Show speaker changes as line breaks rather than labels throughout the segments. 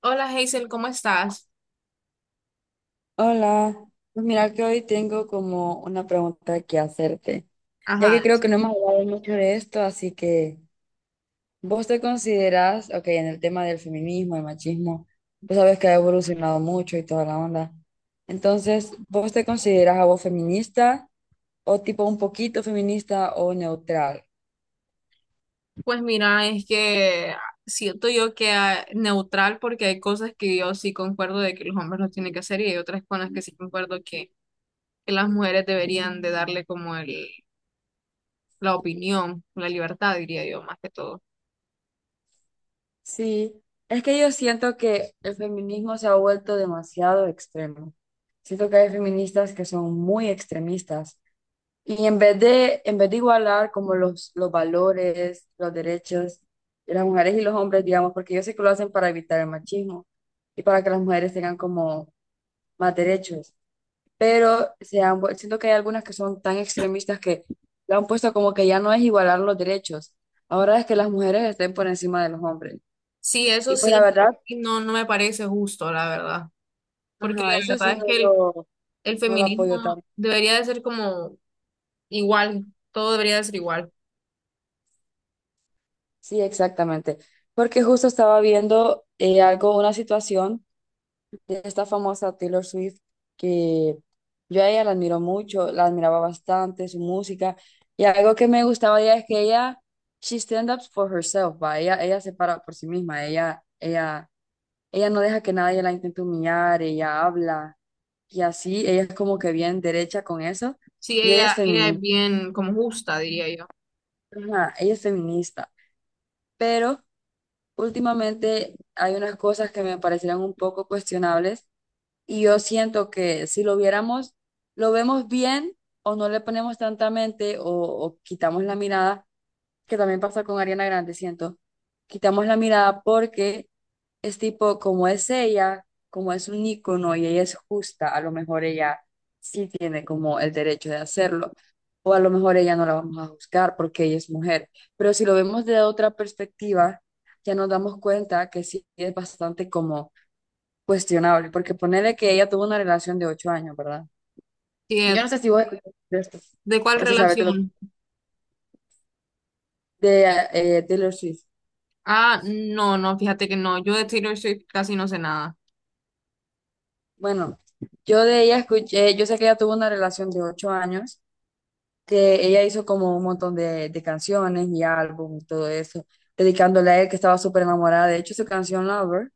Hola Hazel, ¿cómo estás?
Hola. Pues mira que hoy tengo como una pregunta que hacerte, ya que
Ajá,
creo que no hemos hablado mucho de esto, así que vos te consideras, ok, en el tema del feminismo, el machismo, pues sabes que ha evolucionado mucho y toda la onda. Entonces, ¿vos te consideras a vos feminista o tipo un poquito feminista o neutral?
pues mira, es que siento yo que neutral, porque hay cosas que yo sí concuerdo de que los hombres lo tienen que hacer y hay otras con las que sí concuerdo que las mujeres deberían de darle como el, la opinión, la libertad, diría yo, más que todo.
Sí, es que yo siento que el feminismo se ha vuelto demasiado extremo. Siento que hay feministas que son muy extremistas. Y en vez de igualar como los valores, los derechos de las mujeres y los hombres, digamos, porque yo sé que lo hacen para evitar el machismo y para que las mujeres tengan como más derechos, pero siento que hay algunas que son tan extremistas que lo han puesto como que ya no es igualar los derechos, ahora es que las mujeres estén por encima de los hombres.
Sí, eso
Y pues la
sí,
verdad,
y no, no me parece justo, la verdad, porque la
ajá, eso sí
verdad es
no
que
lo,
el
no lo
feminismo
apoyo tanto.
debería de ser como igual, todo debería de ser igual.
Sí, exactamente. Porque justo estaba viendo algo, una situación de esta famosa Taylor Swift, que yo a ella la admiro mucho, la admiraba bastante, su música, y algo que me gustaba de ella es que ella, she stand up for herself, va, ella se para por sí misma, ella, ella no deja que nadie la intente humillar, ella habla, y así, ella es como que bien derecha con eso,
Sí,
y
ella es bien como justa, diría yo.
ella es feminista, pero últimamente hay unas cosas que me parecieron un poco cuestionables. Y yo siento que si lo viéramos, lo vemos bien o no le ponemos tanta mente o quitamos la mirada, que también pasa con Ariana Grande, siento. Quitamos la mirada porque es tipo, como es ella, como es un ícono y ella es justa, a lo mejor ella sí tiene como el derecho de hacerlo, o a lo mejor ella no la vamos a juzgar porque ella es mujer. Pero si lo vemos de otra perspectiva, ya nos damos cuenta que sí es bastante como cuestionable, porque ponele que ella tuvo una relación de 8 años, ¿verdad?
Sí.
Yo no sé si vos escuchaste de esto
¿De cuál
o si sabes de
relación?
de Taylor Swift.
Ah, no, no, fíjate que no. Yo de Taylor Swift casi no sé nada.
Bueno, yo de ella escuché, yo sé que ella tuvo una relación de ocho años, que ella hizo como un montón de canciones y álbum y todo eso, dedicándole a él que estaba súper enamorada. De hecho, su canción Lover,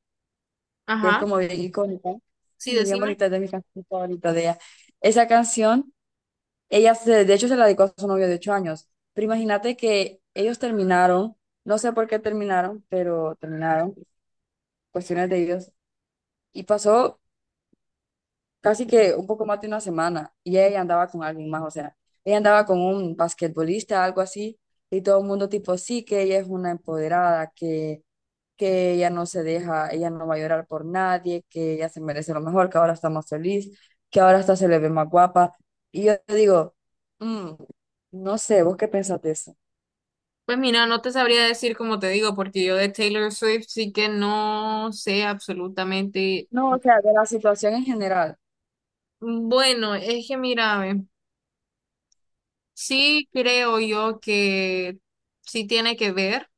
que es
Ajá,
como bien icónica
sí,
y bien
decime.
bonita, es de mis canciones favoritas de ella. Esa canción. Ella, de hecho, se la dedicó a su novio de 8 años. Pero imagínate que ellos terminaron, no sé por qué terminaron, pero terminaron, cuestiones de ellos. Y pasó casi que un poco más de una semana y ella andaba con alguien más, o sea, ella andaba con un basquetbolista, algo así, y todo el mundo tipo, sí, que ella es una empoderada, que ella no se deja, ella no va a llorar por nadie, que ella se merece lo mejor, que ahora está más feliz, que ahora hasta se le ve más guapa. Y yo digo, "Mm, no sé, ¿vos qué pensás de eso?".
Pues mira, no te sabría decir como te digo, porque yo de Taylor Swift sí que no sé absolutamente.
No, o sea, de la situación en general.
Bueno, es que mira, ve, sí creo yo que sí tiene que ver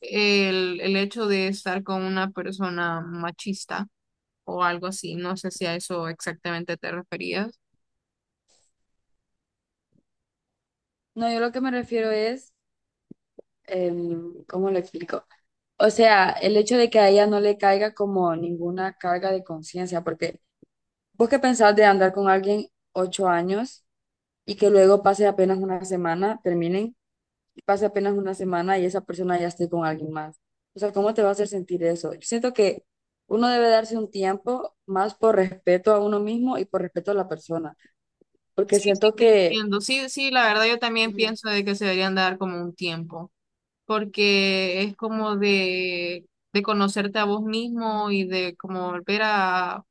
el hecho de estar con una persona machista o algo así. No sé si a eso exactamente te referías.
No, yo lo que me refiero es, ¿cómo lo explico? O sea, el hecho de que a ella no le caiga como ninguna carga de conciencia, porque vos qué pensás de andar con alguien 8 años y que luego pase apenas una semana, terminen, y pase apenas una semana y esa persona ya esté con alguien más. O sea, ¿cómo te va a hacer sentir eso? Yo siento que uno debe darse un tiempo más por respeto a uno mismo y por respeto a la persona, porque
Sí, sí,
siento
te
que
entiendo. Sí, sí, la verdad yo también
mm,
pienso de que se deberían dar como un tiempo, porque es como de conocerte a vos mismo y de como volver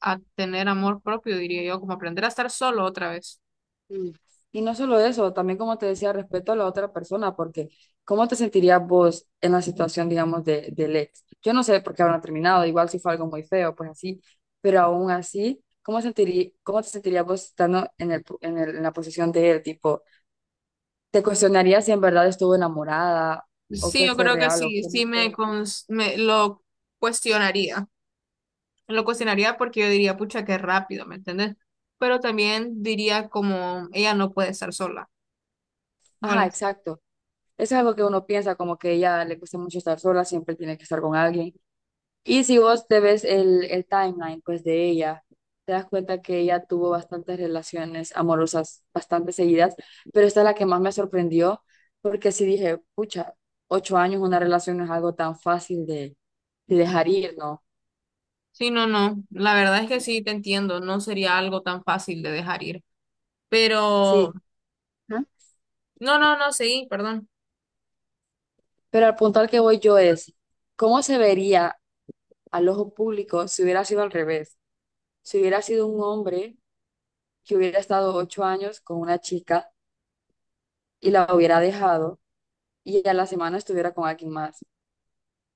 a tener amor propio, diría yo, como aprender a estar solo otra vez.
Mm. Y no solo eso, también como te decía, respeto a la otra persona, porque ¿cómo te sentirías vos en la situación, digamos, del ex? Yo no sé por qué habrán terminado, igual si fue algo muy feo, pues así, pero aún así, ¿cómo te sentirías vos estando en la posición de él? Tipo, ¿te cuestionarías si en verdad estuvo enamorada o
Sí,
qué
yo
fue
creo que
real o
sí,
qué no fue?
me lo cuestionaría. Lo cuestionaría porque yo diría, pucha, qué rápido, ¿me entiendes? Pero también diría como, ella no puede estar sola.
Ajá, exacto. Eso es algo que uno piensa, como que a ella le cuesta mucho estar sola, siempre tiene que estar con alguien. Y si vos te ves el timeline, pues de ella, te das cuenta que ella tuvo bastantes relaciones amorosas, bastante seguidas, pero esta es la que más me sorprendió, porque sí dije, pucha, 8 años una relación no es algo tan fácil de dejar ir, ¿no?
Sí, no, no. La verdad es que
Es-
sí, te entiendo. No sería algo tan fácil de dejar ir. Pero,
Sí, ¿no?,
no, no, no, seguí, perdón.
pero al punto al que voy yo es, ¿cómo se vería al ojo público si hubiera sido al revés? Si hubiera sido un hombre que hubiera estado 8 años con una chica y la hubiera dejado y a la semana estuviera con alguien más.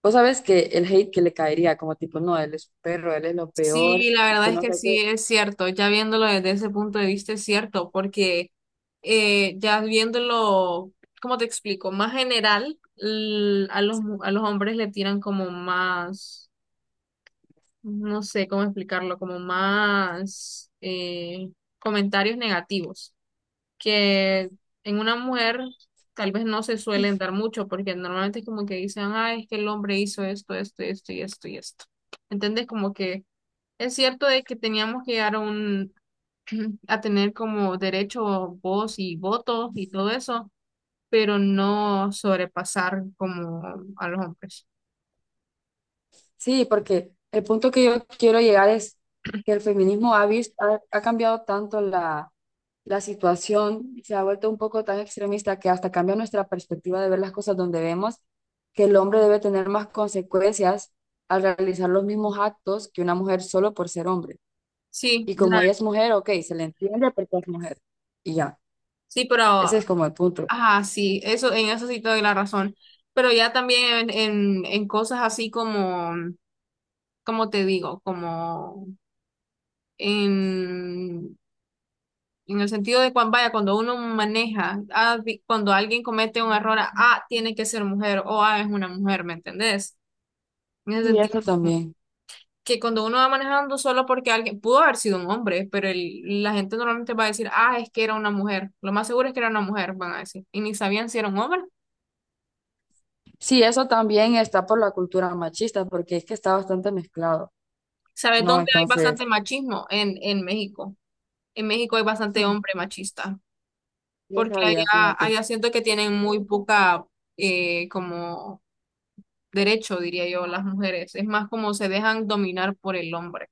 Vos sabes que el hate que le caería, como tipo, no, él es un perro, él es lo peor,
Sí, la
que
verdad es
no
que
sé
sí,
qué.
es cierto. Ya viéndolo desde ese punto de vista, es cierto, porque ya viéndolo, ¿cómo te explico? Más general, a los, a los hombres le tiran como más, no sé cómo explicarlo, como más comentarios negativos. Que en una mujer tal vez no se suelen dar mucho, porque normalmente es como que dicen, ah, es que el hombre hizo esto, esto, esto y esto y esto. ¿Entendés? Como que es cierto de que teníamos que llegar a un, a tener como derecho, voz y voto y todo eso, pero no sobrepasar como a los hombres.
Sí, porque el punto que yo quiero llegar es que el feminismo ha cambiado tanto la situación, se ha vuelto un poco tan extremista que hasta cambia nuestra perspectiva de ver las cosas donde vemos que el hombre debe tener más consecuencias al realizar los mismos actos que una mujer solo por ser hombre.
Sí,
Y como
la-
ella es mujer, ok, se le entiende porque es mujer. Y ya,
sí, pero,
ese es como el punto.
ajá, sí, eso, en eso sí te doy la razón. Pero ya también en, en cosas así como como te digo, como en, en el sentido de cuando, vaya, cuando uno maneja, ah, cuando alguien comete un error, ah, tiene que ser mujer o ah, es una mujer, ¿me entendés? En el
Y
sentido,
eso también.
que cuando uno va manejando solo porque alguien pudo haber sido un hombre, pero la gente normalmente va a decir, ah, es que era una mujer. Lo más seguro es que era una mujer, van a decir. Y ni sabían si era un hombre.
Sí, eso también está por la cultura machista, porque es que está bastante mezclado,
¿Sabes
¿no?
dónde hay
Entonces,
bastante machismo? En México. En México hay bastante
ujú,
hombre machista, porque
vieja vida,
allá,
fíjate.
allá siento que tienen muy
Ujú.
poca, como derecho, diría yo, las mujeres. Es más como se dejan dominar por el hombre.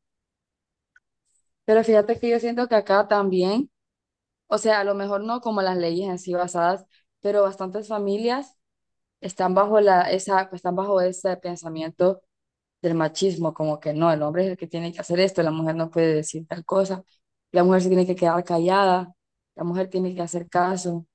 Pero fíjate que yo siento que acá también, o sea, a lo mejor no como las leyes en sí basadas, pero bastantes familias están bajo ese pensamiento del machismo, como que no, el hombre es el que tiene que hacer esto, la mujer no puede decir tal cosa, la mujer se tiene que quedar callada, la mujer tiene que hacer caso,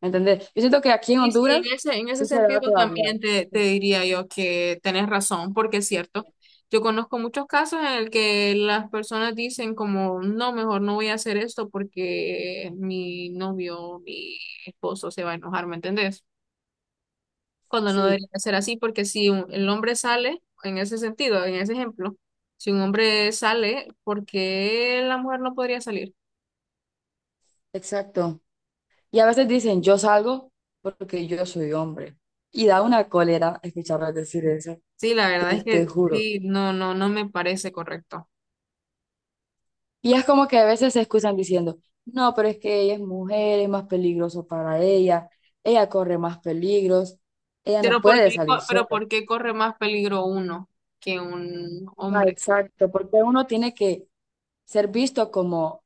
¿me entendés? Yo siento que aquí en
Y sí,
Honduras
en ese
sí se da
sentido
todavía.
también te diría yo que tenés razón, porque es cierto. Yo conozco muchos casos en el que las personas dicen como, no, mejor no voy a hacer esto porque mi novio, mi esposo se va a enojar, ¿me entendés? Cuando no debería
Sí,
ser así, porque si el hombre sale, en ese sentido, en ese ejemplo, si un hombre sale, ¿por qué la mujer no podría salir?
exacto. Y a veces dicen, yo salgo porque yo soy hombre. Y da una cólera escucharlas decir eso,
Sí, la verdad
que
es
te
que
juro.
sí, no, no, no me parece correcto.
Y es como que a veces se excusan diciendo, no, pero es que ella es mujer, es más peligroso para ella, ella corre más peligros, ella no puede salir
Pero
sola.
¿por qué corre más peligro uno que un
Ah,
hombre?
exacto, porque uno tiene que ser visto como,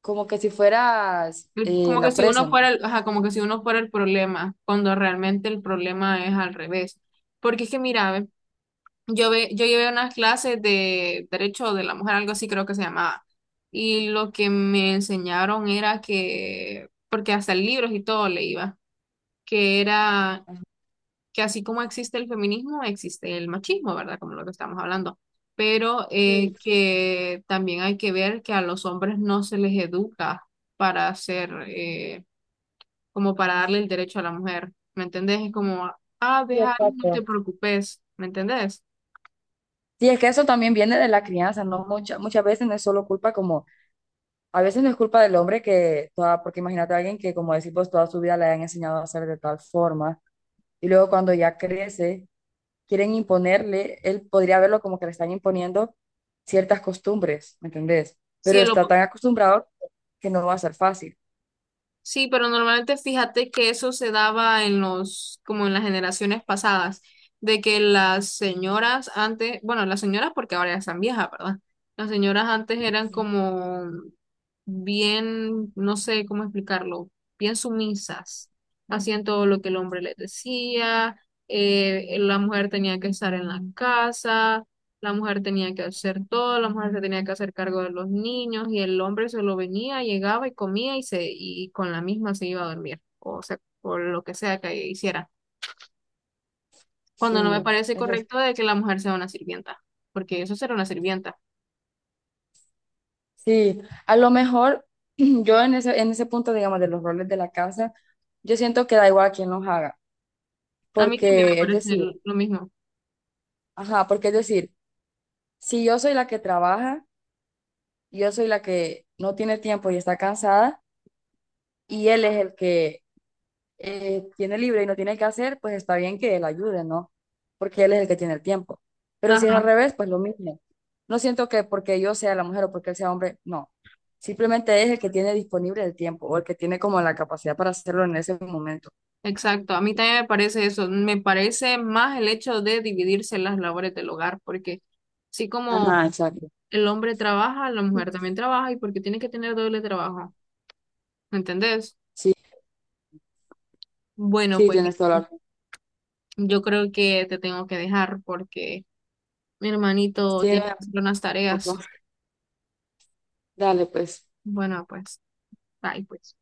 como que si fueras
Como que
la
si
presa,
uno
¿no?
fuera el, ajá, como que si uno fuera el problema, cuando realmente el problema es al revés. Porque es que mira, ve, yo llevé unas clases de derecho de la mujer, algo así creo que se llamaba. Y lo que me enseñaron era que, porque hasta libros y todo le iba, que era
Ajá.
que así como existe el feminismo, existe el machismo, ¿verdad? Como lo que estamos hablando. Pero
Sí,
que también hay que ver que a los hombres no se les educa para hacer, como para darle el derecho a la mujer, ¿me entendés? Es como, ah,
sí,
deja, no te
exacto.
preocupes, ¿me entendés?
Sí, es que eso también viene de la crianza, ¿no? Muchas, muchas veces no es solo culpa como, a veces no es culpa del hombre que, toda, porque imagínate a alguien que, como decir pues toda su vida le han enseñado a hacer de tal forma, y luego cuando ya crece, quieren imponerle, él podría verlo como que le están imponiendo ciertas costumbres, ¿me entendés?
Si
Pero
el
está
op-
tan acostumbrado que no va a ser fácil.
Sí, pero normalmente fíjate que eso se daba en los, como en las generaciones pasadas, de que las señoras antes, bueno, las señoras porque ahora ya están viejas, ¿verdad? Las señoras antes eran como bien, no sé cómo explicarlo, bien sumisas, hacían todo lo que el hombre les decía, la mujer tenía que estar en la casa, la mujer tenía que hacer todo, la mujer se tenía que hacer cargo de los niños y el hombre solo venía, llegaba y comía y se y con la misma se iba a dormir, o sea, por lo que sea que hiciera. Cuando no me Claro.
Sí,
parece
eso es-
correcto de que la mujer sea una sirvienta, porque eso será una sirvienta.
Sí, a lo mejor yo en ese punto, digamos, de los roles de la casa, yo siento que da igual a quién los haga,
A mí también me
porque es
parece
decir,
lo mismo.
Ajá, si yo soy la que trabaja, yo soy la que no tiene tiempo y está cansada, y él es el que tiene libre y no tiene que hacer, pues está bien que él ayude, ¿no? Porque él es el que tiene el tiempo. Pero si es al
Ajá,
revés, pues lo mismo. No siento que porque yo sea la mujer o porque él sea hombre, no. Simplemente es el que tiene disponible el tiempo o el que tiene como la capacidad para hacerlo en ese momento.
exacto. A mí también me parece eso. Me parece más el hecho de dividirse las labores del hogar, porque así como
Ajá, exacto.
el hombre trabaja, la mujer también trabaja y porque tiene que tener doble trabajo, ¿me entendés?
Sí,
Bueno,
sí,
pues
tienes toda la razón.
yo creo que te tengo que dejar porque mi hermanito
Sí, no,
tiene que hacer unas
tampoco.
tareas.
Dale, pues.
Bueno, pues, bye, pues.